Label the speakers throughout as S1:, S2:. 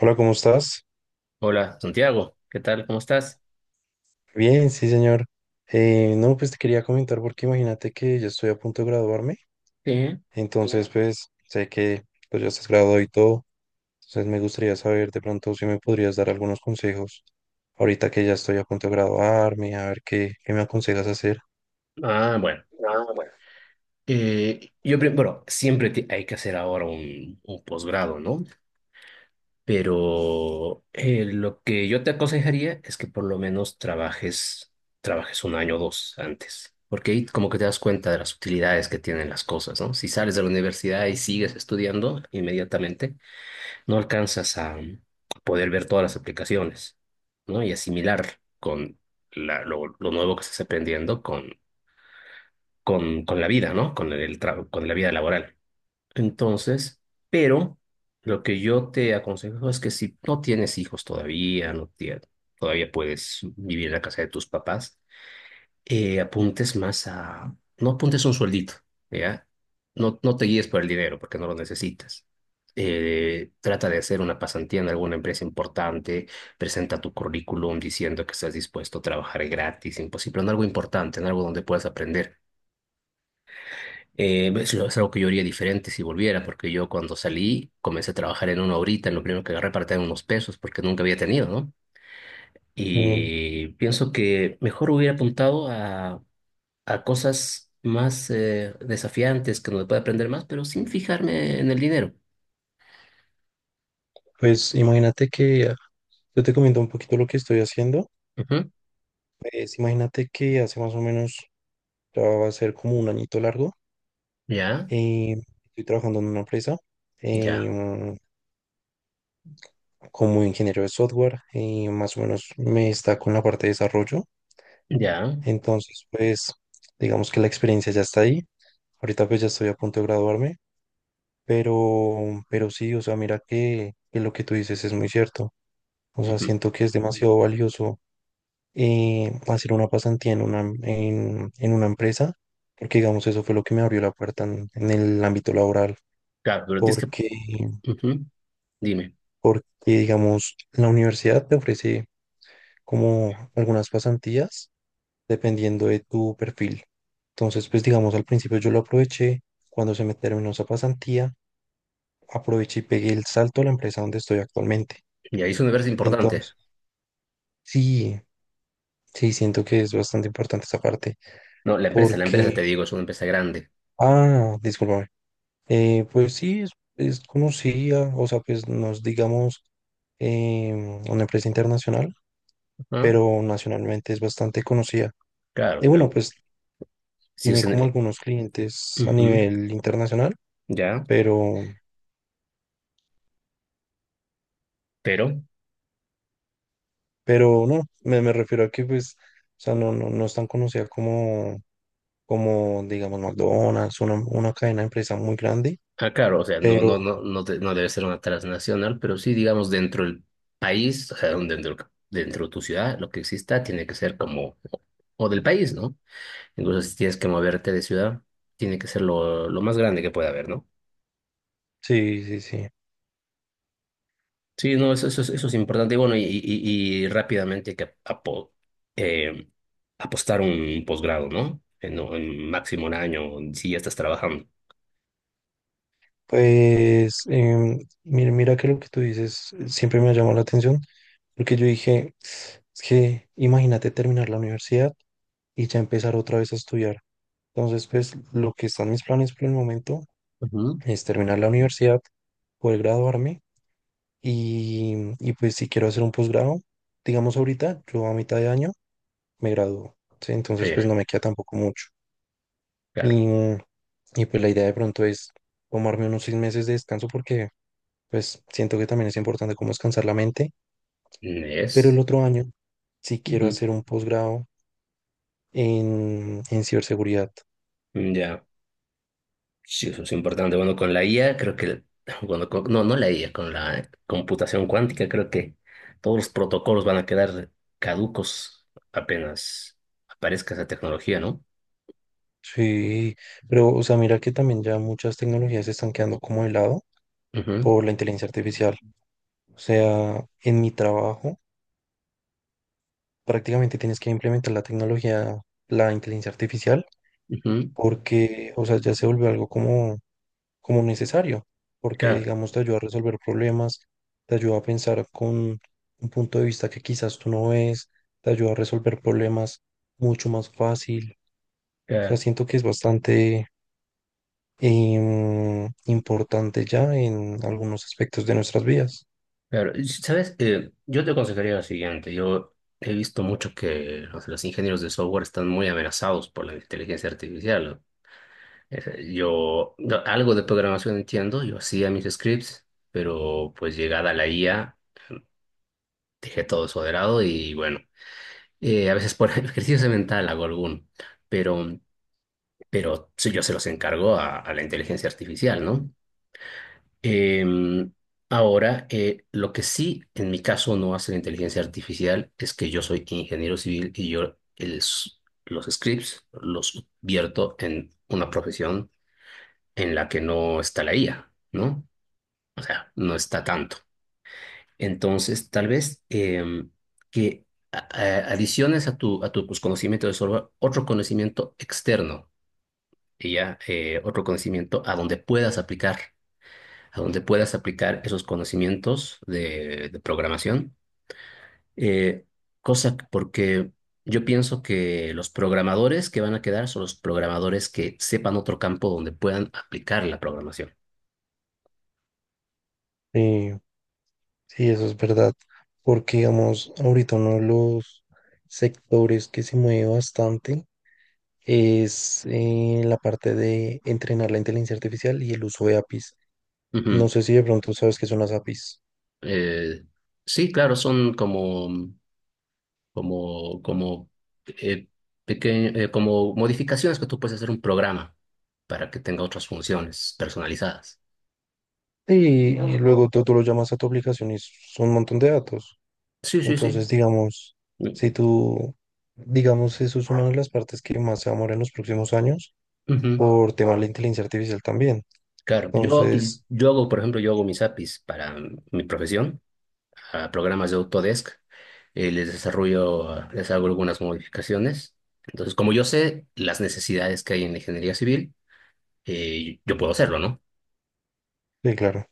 S1: Hola, ¿cómo estás?
S2: Hola, Santiago, ¿qué tal? ¿Cómo estás?
S1: Bien, sí, señor. No, pues te quería comentar porque imagínate que yo estoy a punto de graduarme,
S2: Sí.
S1: entonces claro. Pues sé que pues ya estás graduado y todo, entonces me gustaría saber de pronto si me podrías dar algunos consejos ahorita que ya estoy a punto de graduarme, a ver qué me aconsejas hacer.
S2: Ah, bueno,
S1: Ah, bueno.
S2: yo, pri- bueno, siempre te- Hay que hacer ahora un posgrado, ¿no? Pero lo que yo te aconsejaría es que por lo menos trabajes un año o dos antes, porque ahí como que te das cuenta de las utilidades que tienen las cosas, ¿no? Si sales de la universidad y sigues estudiando inmediatamente, no alcanzas a poder ver todas las aplicaciones, ¿no? Y asimilar con lo nuevo que estás aprendiendo con la vida, ¿no? Con la vida laboral. Entonces, pero lo que yo te aconsejo es que, si no tienes hijos todavía, no tie- todavía puedes vivir en la casa de tus papás. No apuntes un sueldito, ¿ya? No, no te guíes por el dinero porque no lo necesitas. Trata de hacer una pasantía en alguna empresa importante, presenta tu currículum diciendo que estás dispuesto a trabajar gratis, imposible, en algo importante, en algo donde puedas aprender. Es algo que yo haría diferente si volviera, porque yo, cuando salí, comencé a trabajar en una horita, en lo primero que agarré para tener unos pesos, porque nunca había tenido, ¿no?
S1: Eh,
S2: Y pienso que mejor hubiera apuntado a cosas más desafiantes, que donde pueda aprender más, pero sin fijarme en el dinero.
S1: pues imagínate que yo te comento un poquito lo que estoy haciendo,
S2: Ujú.
S1: pues imagínate que hace más o menos, ya va a ser como un añito largo.
S2: Ya,
S1: Eh, Estoy trabajando en una empresa eh,
S2: ya,
S1: como ingeniero de software y más o menos me está con la parte de desarrollo.
S2: ya.
S1: Entonces, pues, digamos que la experiencia ya está ahí. Ahorita pues ya estoy a punto de graduarme, pero sí, o sea, mira que lo que tú dices es muy cierto. O sea,
S2: Ujú.
S1: siento que es demasiado valioso hacer una pasantía en en una empresa, porque digamos, eso fue lo que me abrió la puerta en el ámbito laboral,
S2: Claro, pero tienes
S1: porque
S2: que... Ujú. Dime.
S1: digamos, la universidad te ofrece como algunas pasantías dependiendo de tu perfil. Entonces, pues digamos, al principio yo lo aproveché, cuando se me terminó esa pasantía, aproveché y pegué el salto a la empresa donde estoy actualmente.
S2: Y ahí es una empresa importante.
S1: Entonces, sí, sí, siento que es bastante importante esa parte,
S2: No, la empresa
S1: porque,
S2: te digo, es una empresa grande.
S1: ah, discúlpame. Eh, pues sí, es, es conocida, o sea, pues nos digamos una empresa internacional,
S2: Ajá.
S1: pero nacionalmente es bastante conocida.
S2: Claro,
S1: Y bueno,
S2: pero
S1: pues
S2: si
S1: tiene
S2: es
S1: como
S2: en...
S1: algunos clientes a
S2: Ujú.
S1: nivel internacional,
S2: Ya,
S1: pero,
S2: pero,
S1: pero no, me refiero a que pues, o sea, no es tan conocida como, como digamos, McDonald's, una cadena de empresa muy grande,
S2: ah, claro, o sea, no,
S1: pero
S2: no, no, no, no debe ser una transnacional, pero sí, digamos, dentro del país, o sea, dentro de tu ciudad, lo que exista tiene que ser como, o del país, ¿no? Incluso si tienes que moverte de ciudad, tiene que ser lo más grande que pueda haber, ¿no?
S1: sí, sí, sí.
S2: Sí, no, eso es importante. Y bueno, y rápidamente hay que eh, apostar un posgrado, ¿no? En máximo un año, si ya estás trabajando.
S1: Pues, mira que lo que tú dices siempre me ha llamado la atención, porque yo dije, es que imagínate terminar la universidad y ya empezar otra vez a estudiar. Entonces, pues lo que están mis planes por el momento
S2: Ujú.
S1: es terminar la universidad, poder graduarme pues si quiero hacer un posgrado, digamos ahorita, yo a mitad de año me gradúo, ¿sí?
S2: Sí,
S1: Entonces, pues no me queda tampoco mucho.
S2: claro.
S1: Y, y pues la idea de pronto es tomarme unos 6 meses de descanso, porque pues siento que también es importante como descansar la mente, pero el
S2: Es.
S1: otro año sí quiero hacer un posgrado en ciberseguridad.
S2: Ya, sí, eso es importante. Bueno, con la IA creo que, no, no la IA, con la computación cuántica creo que todos los protocolos van a quedar caducos apenas aparezca esa tecnología, ¿no?
S1: Sí, pero o sea, mira que también ya muchas tecnologías se están quedando como de lado
S2: Ujú,
S1: por la inteligencia artificial. O sea, en mi trabajo prácticamente tienes que implementar la tecnología, la inteligencia artificial,
S2: ujú.
S1: porque, o sea, ya se volvió algo como, como necesario, porque,
S2: Claro,
S1: digamos, te ayuda a resolver problemas, te ayuda a pensar con un punto de vista que quizás tú no ves, te ayuda a resolver problemas mucho más fácil. O sea,
S2: claro,
S1: siento que es bastante, importante ya en algunos aspectos de nuestras vidas.
S2: claro. Y, ¿sabes? Yo te aconsejaría lo siguiente. Yo he visto mucho que, o sea, los ingenieros de software están muy amenazados por la inteligencia artificial, ¿no? Ese, yo no, algo de programación entiendo, yo hacía mis scripts, pero pues, llegada la IA, dejé todo eso de lado y, bueno, a veces por ejercicio mental hago alguno, pero, pero sí, yo se los encargo a la inteligencia artificial, ¿no? Em, Ahora, lo que sí en mi caso no hace la inteligencia artificial es que yo soy ingeniero civil y yo los scripts los vierto en una profesión en la que no está la IA, ¿no? O sea, no está tanto. Entonces, tal vez que adiciones a tu pues, conocimiento de software, otro conocimiento externo, y ya otro conocimiento a donde puedas aplicar, a donde puedas aplicar esos conocimientos de programación. Eh, Porque yo pienso que los programadores que van a quedar son los programadores que sepan otro campo donde puedan aplicar la programación.
S1: Sí, sí, eso es verdad, porque digamos, ahorita uno de los sectores que se mueve bastante es la parte de entrenar la inteligencia artificial y el uso de APIs. No
S2: Ujú.
S1: sé si de pronto sabes qué son las APIs.
S2: Eh, sí, claro, son como, como, eh, como modificaciones que tú puedes hacer un programa para que tenga otras funciones personalizadas.
S1: Y luego tú lo llamas a tu aplicación y son un montón de datos.
S2: Sí, sí, sí.
S1: Entonces, digamos,
S2: Mm,
S1: si tú, digamos, eso es una de las partes que más se va a mover en los próximos años
S2: ujú.
S1: por tema de la inteligencia artificial también.
S2: Claro, yo,
S1: Entonces,
S2: yo hago, por ejemplo, yo hago mis APIs para mi profesión, a programas de Autodesk, les desarrollo, les hago algunas modificaciones. Entonces, como yo sé las necesidades que hay en la ingeniería civil, yo puedo hacerlo, ¿no?
S1: sí, claro.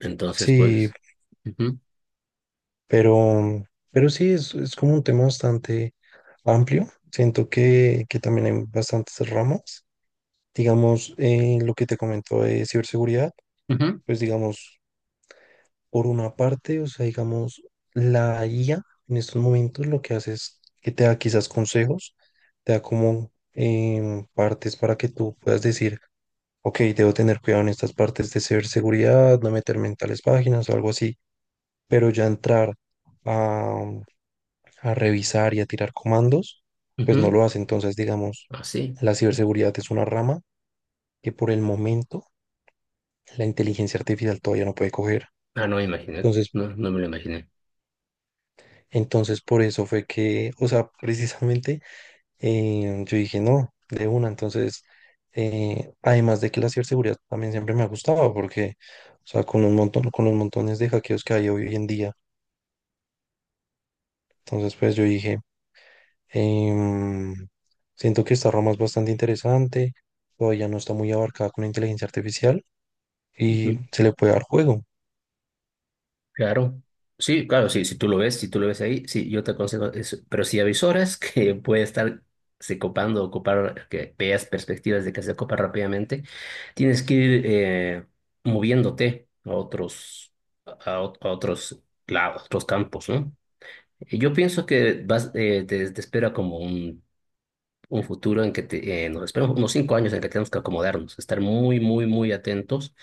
S2: Entonces,
S1: Sí,
S2: pues, ujú,
S1: pero, pero sí, es como un tema bastante amplio. Siento que también hay bastantes ramas. Digamos, lo que te comento de ciberseguridad,
S2: ujú,
S1: pues digamos, por una parte, o sea, digamos, la IA en estos momentos lo que hace es que te da quizás consejos, te da como partes para que tú puedas decir ok, debo tener cuidado en estas partes de ciberseguridad, no meterme en tales páginas o algo así, pero ya entrar a, a revisar y a tirar comandos, pues no
S2: ujú,
S1: lo hace. Entonces, digamos,
S2: así.
S1: la ciberseguridad es una rama que por el momento la inteligencia artificial todavía no puede coger.
S2: Ah, no me imaginé,
S1: Entonces,
S2: no, no me lo imaginé.
S1: entonces, por eso fue que, o sea, precisamente yo dije, no, de una. Entonces, además de que la ciberseguridad también siempre me ha gustado, porque, o sea, con un montón, con los montones de hackeos que hay hoy en día. Entonces, pues yo dije, em, siento que esta rama es bastante interesante, todavía no está muy abarcada con la inteligencia artificial y
S2: Ujú.
S1: se le puede dar juego.
S2: Claro, sí, claro, sí, si tú lo ves, si tú lo ves ahí, sí, yo te aconsejo eso. Pero si avisoras que puede estar se copando, ocupar, que veas perspectivas de que se copa rápidamente, tienes que ir moviéndote a otros campos, ¿no? Y yo pienso que vas, te espera como un futuro en que nos esperan unos 5 años en que tenemos que acomodarnos, estar muy, muy, muy atentos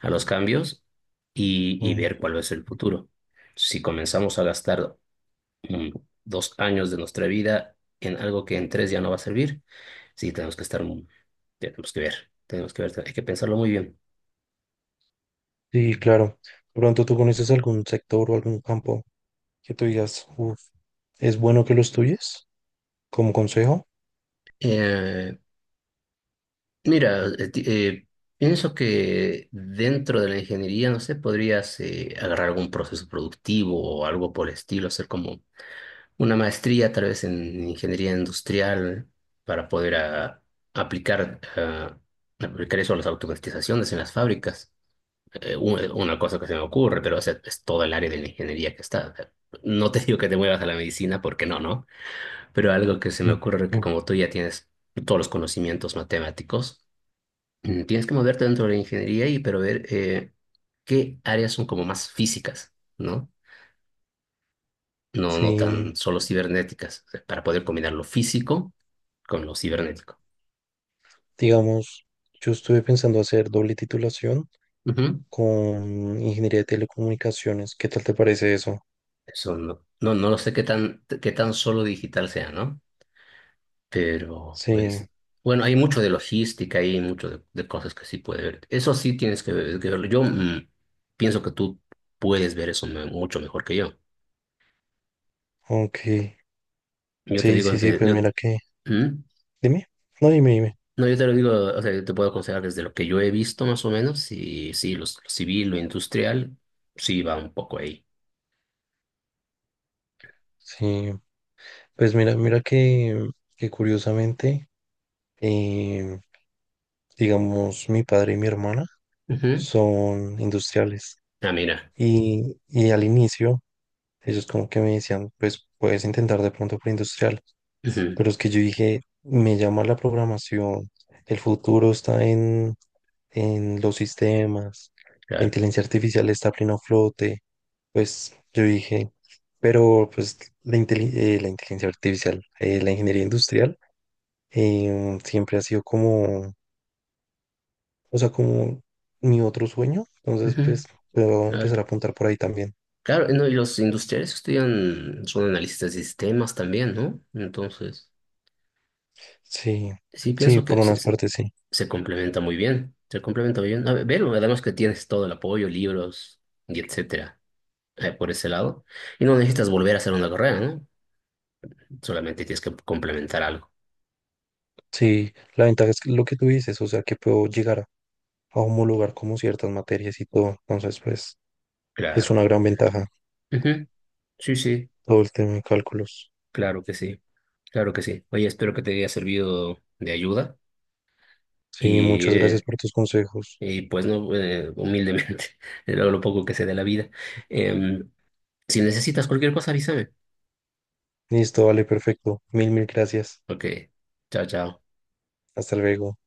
S2: a los cambios y
S1: Mm,
S2: ver cuál es el futuro. Si comenzamos a gastar mm, 2 años de nuestra vida en algo que en tres ya no va a servir, sí, tenemos que estar, tenemos que ver, tenemos que ver, hay que pensarlo muy bien.
S1: sí, claro. De pronto tú conoces algún sector o algún campo que tú digas, "Uf, es bueno que lo estudies como consejo."
S2: Eh, Mira, pienso que dentro de la ingeniería, no sé, podrías agarrar algún proceso productivo o algo por el estilo, hacer como una maestría tal vez en ingeniería industrial para poder aplicar, ah, aplicar eso a las automatizaciones en las fábricas. Una cosa que se me ocurre, pero es todo el área de la ingeniería que está. No te digo que te muevas a la medicina porque no, ¿no? Pero algo que se me
S1: Mm,
S2: ocurre, que
S1: mm.
S2: como tú ya tienes todos los conocimientos matemáticos, tienes que moverte dentro de la ingeniería y, pero, ver qué áreas son como más físicas, ¿no? No, no
S1: Sí.
S2: tan solo cibernéticas, o sea, para poder combinar lo físico con lo cibernético.
S1: Digamos, yo estuve pensando hacer doble titulación
S2: Ujú.
S1: con ingeniería de telecomunicaciones. ¿Qué tal te parece eso?
S2: Eso no lo sé, qué tan, solo digital sea, ¿no? Pero
S1: Sí,
S2: pues, bueno, hay mucho de logística, hay mucho de cosas que sí puede ver. Eso sí tienes que verlo. Yo pienso que tú puedes ver eso mucho mejor que yo.
S1: ok.
S2: Yo te
S1: Sí,
S2: digo,
S1: sí, sí, pues
S2: yo.
S1: mira que.
S2: ¿Mm?
S1: Dime. No, dime, dime.
S2: No, yo te lo digo, o sea, yo te puedo aconsejar desde lo que yo he visto más o menos, y sí, lo civil, lo industrial, sí va un poco ahí.
S1: Sí, pues mira, mira que curiosamente, eh, digamos, mi padre y mi hermana
S2: Ujú.
S1: son industriales.
S2: Ah, mira.
S1: Y al inicio, ellos como que me decían, pues puedes intentar de pronto preindustrial.
S2: Ujú,
S1: Pero es que yo dije, me llama la programación, el futuro está en los sistemas, la
S2: claro.
S1: inteligencia artificial está a pleno flote. Pues yo dije, pero pues la inteligencia artificial, la ingeniería industrial, siempre ha sido como, o sea, como mi otro sueño. Entonces,
S2: Ujú,
S1: pues puedo
S2: claro.
S1: empezar a apuntar por ahí también.
S2: Claro, no, y los industriales estudian, son analistas de sistemas también, ¿no? Entonces,
S1: Sí,
S2: sí
S1: sí,
S2: pienso
S1: por
S2: que se,
S1: unas
S2: se-
S1: partes sí.
S2: se complementa muy bien, se complementa muy bien. A ver, velo, además que tienes todo el apoyo, libros y etcétera, por ese lado. Y no necesitas volver a hacer una carrera, ¿no? Solamente tienes que complementar algo.
S1: Sí, la ventaja es que lo que tú dices, o sea, que puedo llegar a homologar como ciertas materias y todo. Entonces, pues, es
S2: Claro.
S1: una gran ventaja
S2: Ujú. Sí, sí,
S1: todo el tema de cálculos.
S2: claro que sí, claro que sí. Oye, espero que te haya servido de ayuda
S1: Sí,
S2: y,
S1: muchas gracias
S2: eh,
S1: por tus consejos.
S2: y pues no, humildemente, lo poco que sé de la vida. Em, Si necesitas cualquier cosa, avísame.
S1: Listo, vale, perfecto. Mil gracias.
S2: Ok, chao, chao.
S1: Hasta luego.